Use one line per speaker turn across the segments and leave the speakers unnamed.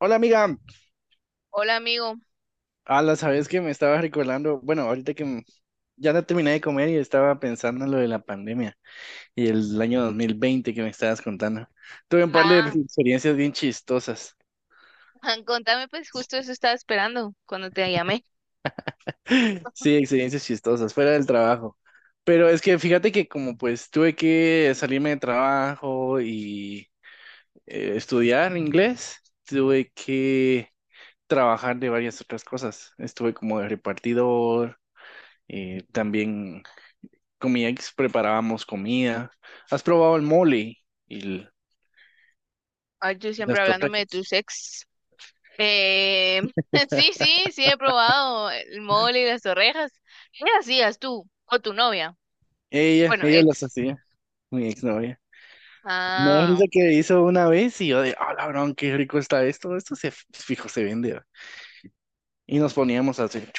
Hola amiga,
Hola amigo.
a la sabes que me estaba recordando, bueno, ahorita que ya no terminé de comer y estaba pensando en lo de la pandemia y el año 2020 que me estabas contando. Tuve un par de
Ah,
experiencias bien chistosas.
Juan, contame pues justo eso estaba esperando cuando te llamé.
Sí, experiencias chistosas, fuera del trabajo. Pero es que fíjate que como pues tuve que salirme de trabajo y estudiar inglés, tuve que trabajar de varias otras cosas. Estuve como de repartidor, también con mi ex preparábamos comida. ¿Has probado el mole y
Ay, tú siempre
las
hablándome de
torrecas?
tus ex. Eh, sí, sí, sí he probado el mole y las orejas. ¿Qué hacías tú o tu novia?
Ella,
Bueno,
ella las
ex.
hacía, mi exnovia. No, es
Ah,
que hizo una vez y yo de, ah, labrón, qué rico está esto, esto se fijo, se vende. ¿Va? Y nos poníamos a hacer.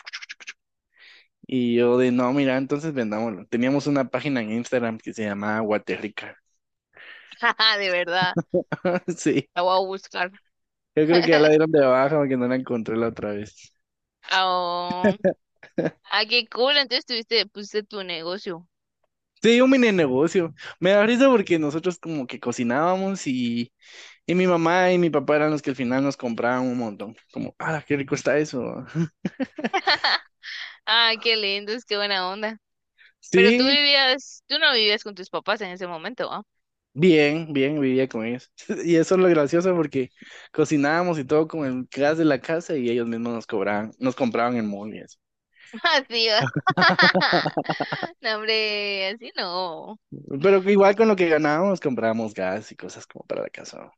Y yo de, no, mira, entonces vendámoslo. Teníamos una página en Instagram que se llamaba Guaterrica.
de verdad.
Sí,
La voy a buscar.
yo creo que ya la dieron de baja porque no la encontré la otra vez.
Ah, ah, qué cool. Entonces pusiste tu negocio.
Sí, un mini negocio. Me da risa porque nosotros como que cocinábamos y mi mamá y mi papá eran los que al final nos compraban un montón. Como, ah, qué rico está eso.
Ay, qué lindos, qué buena onda. Pero
Sí,
tú no vivías con tus papás en ese momento, ¿ah?
bien, bien, vivía con ellos. Y eso es lo gracioso porque cocinábamos y todo con el gas de la casa y ellos mismos nos cobraban, nos compraban el mall y eso.
Así va. No, hombre, así no.
Pero que igual con lo que ganábamos comprábamos gas y cosas como para la casa.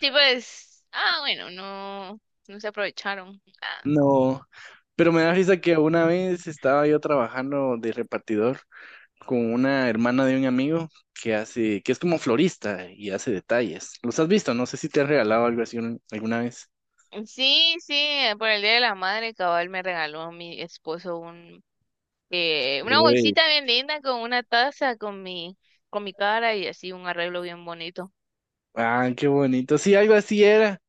Sí, pues, ah, bueno, no, no se aprovecharon. Ah.
No, pero me da risa que una vez estaba yo trabajando de repartidor con una hermana de un amigo que hace, que es como florista y hace detalles. ¿Los has visto? No sé si te han regalado algo así alguna vez.
Sí, sí, por el Día de la Madre, cabal me regaló mi esposo una
Uy,
bolsita bien linda con una taza con mi cara y así un arreglo bien bonito.
ah, qué bonito. Sí, algo así era.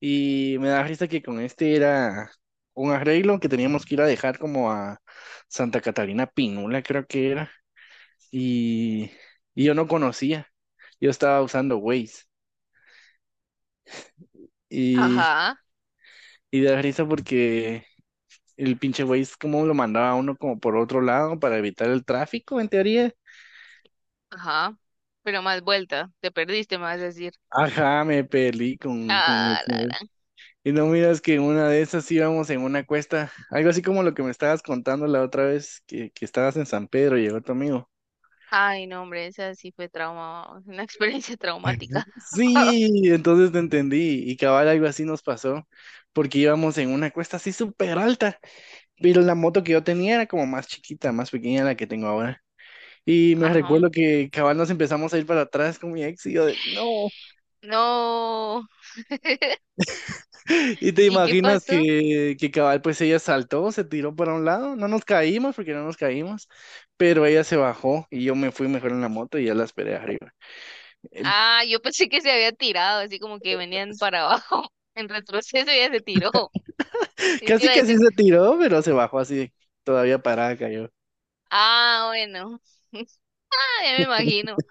Y me da risa que con este era un arreglo que teníamos que ir a dejar como a Santa Catarina Pinula, creo que era. Y, y yo no conocía. Yo estaba usando Waze. Y,
Ajá,
y da risa porque el pinche güey es como lo mandaba a uno como por otro lado para evitar el tráfico, en teoría.
ajá. Pero más vuelta, te perdiste, me vas a decir.
Ajá, me peleé con...
Ah, la gran.
Y no miras que en una de esas íbamos en una cuesta, algo así como lo que me estabas contando la otra vez, que estabas en San Pedro y llegó tu amigo.
Ay, no, hombre, esa sí fue trauma, una experiencia traumática.
Sí, entonces te entendí y cabal algo así nos pasó, porque íbamos en una cuesta así súper alta, pero la moto que yo tenía era como más chiquita, más pequeña la que tengo ahora. Y me
Ajá.
recuerdo que cabal nos empezamos a ir para atrás con mi ex y yo de, no,
No.
y te
¿Y qué
imaginas
pasó?
que cabal, pues ella saltó, se tiró para un lado, no nos caímos porque no nos caímos, pero ella se bajó y yo me fui mejor en la moto y ya la esperé arriba. Eh,
Ah, yo pensé que se había tirado, así como que venían para abajo. En retroceso ya se tiró. Y te
casi
iba a
que sí
decir,
se tiró, pero se bajó así, todavía parada cayó.
ah, bueno. Ah, ya me imagino.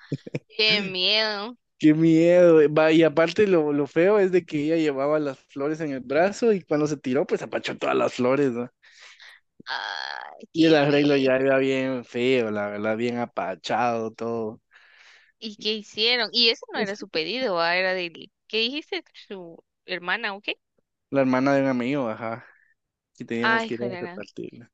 Qué miedo.
Qué miedo. Va, y aparte lo feo es de que ella llevaba las flores en el brazo y cuando se tiró, pues apachó todas las flores, ¿no?
Ay,
Y el
qué
arreglo
feo.
ya era bien feo, la verdad, bien apachado, todo.
¿Y qué hicieron? Y ese no era su pedido, ¿va? Era del... ¿Qué dijiste? ¿Su hermana o qué?
La hermana de un amigo, ajá, y teníamos
Ay,
que ir a
joder.
repartirla.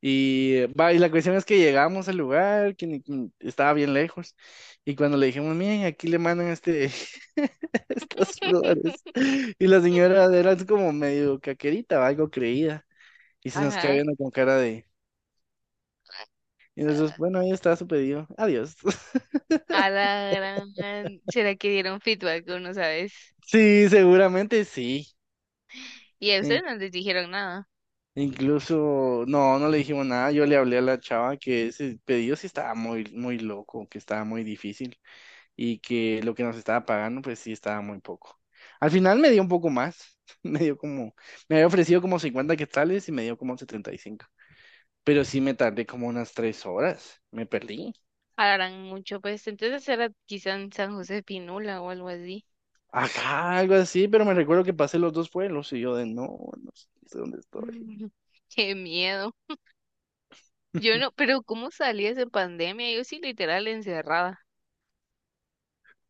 Y va, y la cuestión es que llegamos al lugar, que estaba bien lejos, y cuando le dijimos, miren, aquí le mandan este, estas flores, y la señora era así como medio caquerita, o algo creída, y se nos queda
Ajá.
viendo con cara de, y nosotros, bueno, ahí está su pedido, adiós.
A la gran... ¿Será que dieron feedback? Uno, ¿sabes?
Sí, seguramente sí.
Y a ustedes
In-
no les dijeron nada.
Incluso, no, no le dijimos nada, yo le hablé a la chava que ese pedido sí estaba muy, muy loco, que estaba muy difícil. Y que lo que nos estaba pagando, pues sí estaba muy poco. Al final me dio un poco más, me dio como, me había ofrecido como 50 quetzales y me dio como 75, pero sí me tardé como unas 3 horas, me perdí.
Hablarán mucho, pues entonces era quizá en San José Pinula o algo así.
Ajá, algo así, pero me recuerdo que pasé los dos pueblos y yo de no, no sé dónde estoy.
Mm. Qué miedo. Yo no, pero ¿cómo salías en pandemia? Yo sí literal encerrada.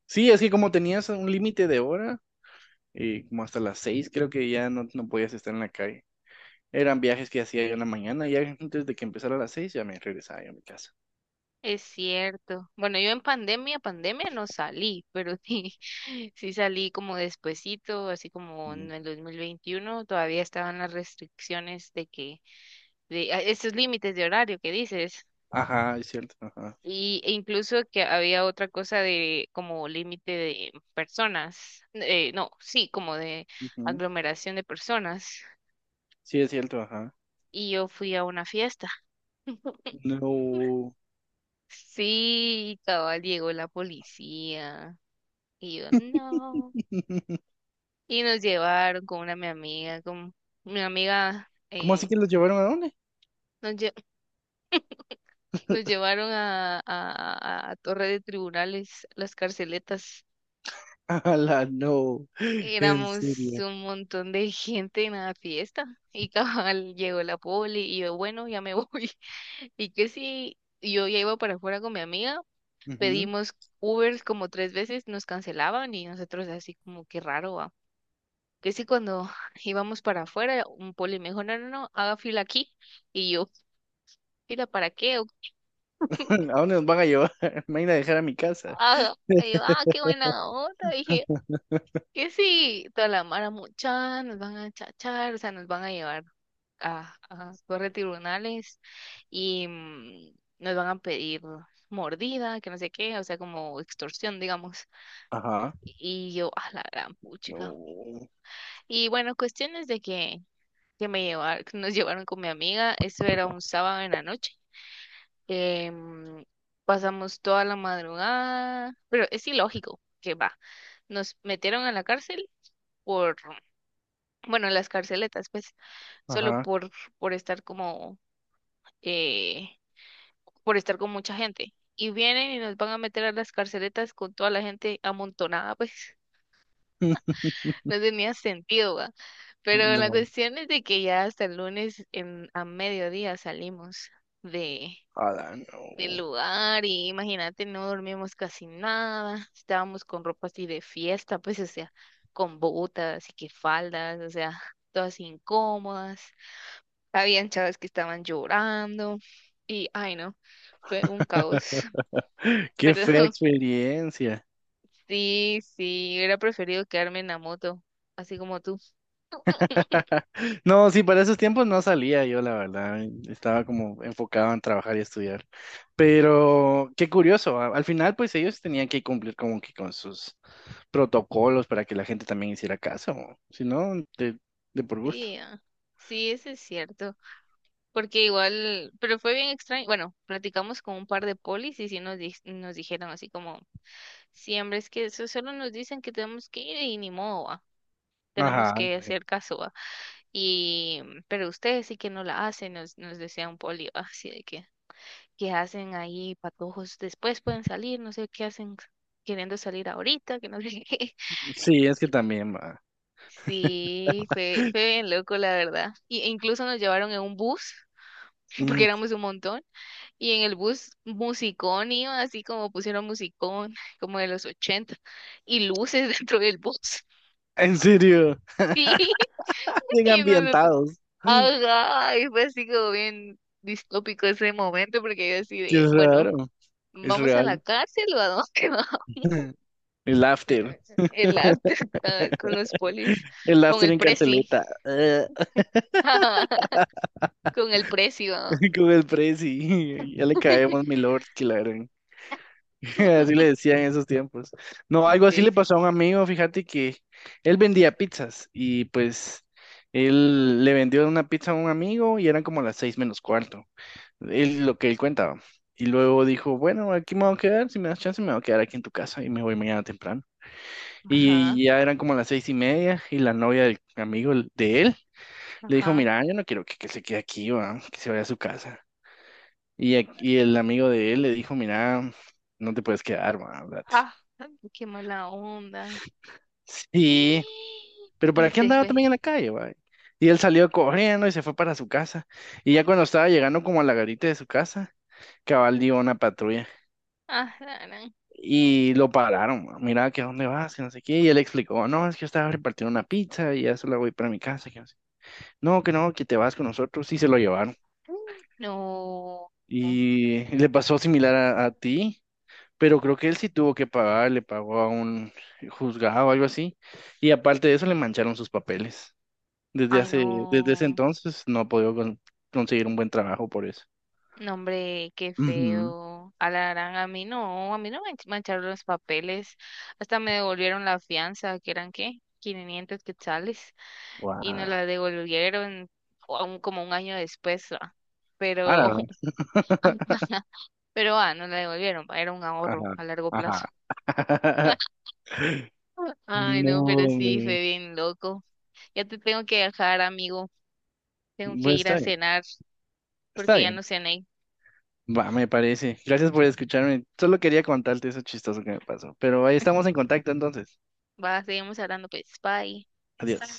Sí, es que como tenías un límite de hora, y como hasta las 6 creo que ya no podías estar en la calle. Eran viajes que hacía yo en la mañana, y antes de que empezara a las 6 ya me regresaba yo a mi casa.
Es cierto. Bueno, yo en pandemia, pandemia no salí, pero sí, sí salí como despuesito, así como en
Ujú.
el 2021 todavía estaban las restricciones de que, de a- esos límites de horario que dices.
Ajá, es cierto, ajá.
E incluso que había otra cosa de como límite de personas, no, sí, como de aglomeración de personas.
Sí, es cierto, ajá.
Y yo fui a una fiesta.
No.
Sí, cabal, llegó la policía. Y yo, no. Y nos llevaron con mi amiga,
¿Cómo así que los llevaron a dónde?
nos, lle- nos llevaron a Torre de Tribunales, las carceletas.
A la no. En
Éramos
serio.
un montón de gente en la fiesta y cabal llegó la poli y yo, bueno, ya me voy. Y que sí, yo ya iba para afuera con mi amiga,
Ujú.
pedimos Ubers como tres veces, nos cancelaban y nosotros así como que raro, va. Que sí, cuando íbamos para afuera, un poli me dijo, no, no, no, haga fila aquí. Y yo, ¿fila para qué?
¿A dónde nos van a llevar? Me van a dejar a mi casa.
"Haga". Y yo, ah, qué buena onda, dije, que sí, toda la mara mucha, nos van a chachar, o sea, nos van a llevar a corre tribunales y nos van a pedir mordida, que no sé qué, o sea, como extorsión, digamos.
Ajá.
Y yo, a la gran puchica.
No.
Y bueno, cuestiones de que, que nos llevaron con mi amiga, eso era un sábado en la noche. Em, pasamos toda la madrugada, pero es ilógico que va. Nos metieron a la cárcel por bueno, las carceletas, pues, solo
Ajá.
por estar como, eh, por estar con mucha gente. Y vienen y nos van a meter a las carceletas con toda la gente amontonada, pues, no tenía sentido, ¿va? Pero la
No.
cuestión es de que ya hasta el lunes a mediodía salimos de,
A la no.
del lugar y imagínate, no dormimos casi nada, estábamos con ropa así de fiesta, pues, o sea, con botas y que faldas, o sea, todas incómodas. Habían chavas que estaban llorando y, ay no, fue un caos.
Qué fea
Perdón.
experiencia.
Sí, sí, hubiera preferido quedarme en la moto, así como tú.
No, sí, para esos tiempos no salía yo, la verdad. Estaba como enfocado en trabajar y estudiar. Pero qué curioso. Al final, pues ellos tenían que cumplir como que con sus protocolos para que la gente también hiciera caso. Si no, de, por gusto.
Sí, ah, sí, eso es cierto. Porque igual, pero fue bien extraño. Bueno, platicamos con un par de polis y sí nos, nos dijeron así como, siempre es que eso solo nos dicen que tenemos que ir y ni modo, ah, tenemos
Ajá.
que hacer caso, ah". Y, pero ustedes sí que no la hacen, nos decía un poli, va, así de que. Que hacen ahí patojos después pueden salir, no sé qué hacen queriendo salir ahorita, que no sé qué.
Sí, es que
Y
también va.
Sí, fue bien loco, la verdad. E incluso nos llevaron en un bus, porque
Mm,
éramos un montón, y en el bus musicón iba, así como pusieron musicón, como de los 80 y luces dentro del bus.
en serio.
Sí,
Bien
y nosotros,
ambientados.
ajá, y fue así como bien distópico ese momento, porque yo así
Qué
de, bueno,
raro. Es
¿vamos a la
real.
cárcel o a dónde? ¿No?
El after.
eh, El arte con los polis,
El
con
after
el
en
preci,
carceleta.
con el precio.
Con el presi. Ya le caemos, mi lord. Que la gran. Así le decían en esos tiempos. No, algo así
Sí,
le
sí.
pasó a un amigo, fíjate que él vendía pizzas y pues él le vendió una pizza a un amigo y eran como las 6 menos cuarto, él, lo que él cuentaba. Y luego dijo, bueno, aquí me voy a quedar, si me das chance me voy a quedar aquí en tu casa y me voy mañana temprano.
Ajá,
Y ya eran como las 6 y media y la novia del amigo de él le dijo,
ajá.
mira, yo no quiero que se quede aquí, va, que se vaya a su casa. Y, y el amigo de él le dijo, mira, no te puedes quedar, va,
Ah, qué mala onda.
sí, pero ¿para
Y
qué
se
andaba
fue.
también en la calle, va? Y él salió corriendo y se fue para su casa. Y ya cuando estaba llegando como a la garita de su casa, cabal dio una patrulla.
Ah, la gran.
Y lo pararon, ma, mira, que a dónde vas, que no sé qué. Y él explicó, no, es que yo estaba repartiendo una pizza y ya solo voy para mi casa. Que no sé. No, que no, que te vas con nosotros. Y se lo llevaron.
No.
Y le pasó similar a ti, pero creo que él sí tuvo que pagar, le pagó a un juzgado o algo así. Y aparte de eso, le mancharon sus papeles. Desde
Ay,
hace, desde ese
no.
entonces no he podido conseguir un buen trabajo por eso.
No, hombre, qué
Ujú.
feo. A la gran, a mí no me mancharon los papeles. Hasta me devolvieron la fianza, que eran qué, 500 quetzales, y nos
Guau.
la devolvieron o aún como un año después, ah,
Ahora
pero,
no.
ah, pero ah, nos la devolvieron, va, era un ahorro
Ajá,
a largo
ajá.
plazo. Ay, no,
No,
pero sí,
me...
fue bien loco. Ya te tengo que dejar, amigo. Tengo que
Pues
ir
está
a
bien,
cenar
está
porque ya
bien.
no cené.
Va, me parece. Gracias por escucharme. Solo quería contarte eso chistoso que me pasó. Pero ahí estamos en contacto entonces.
Va, seguimos hablando, pues, bye.
Adiós.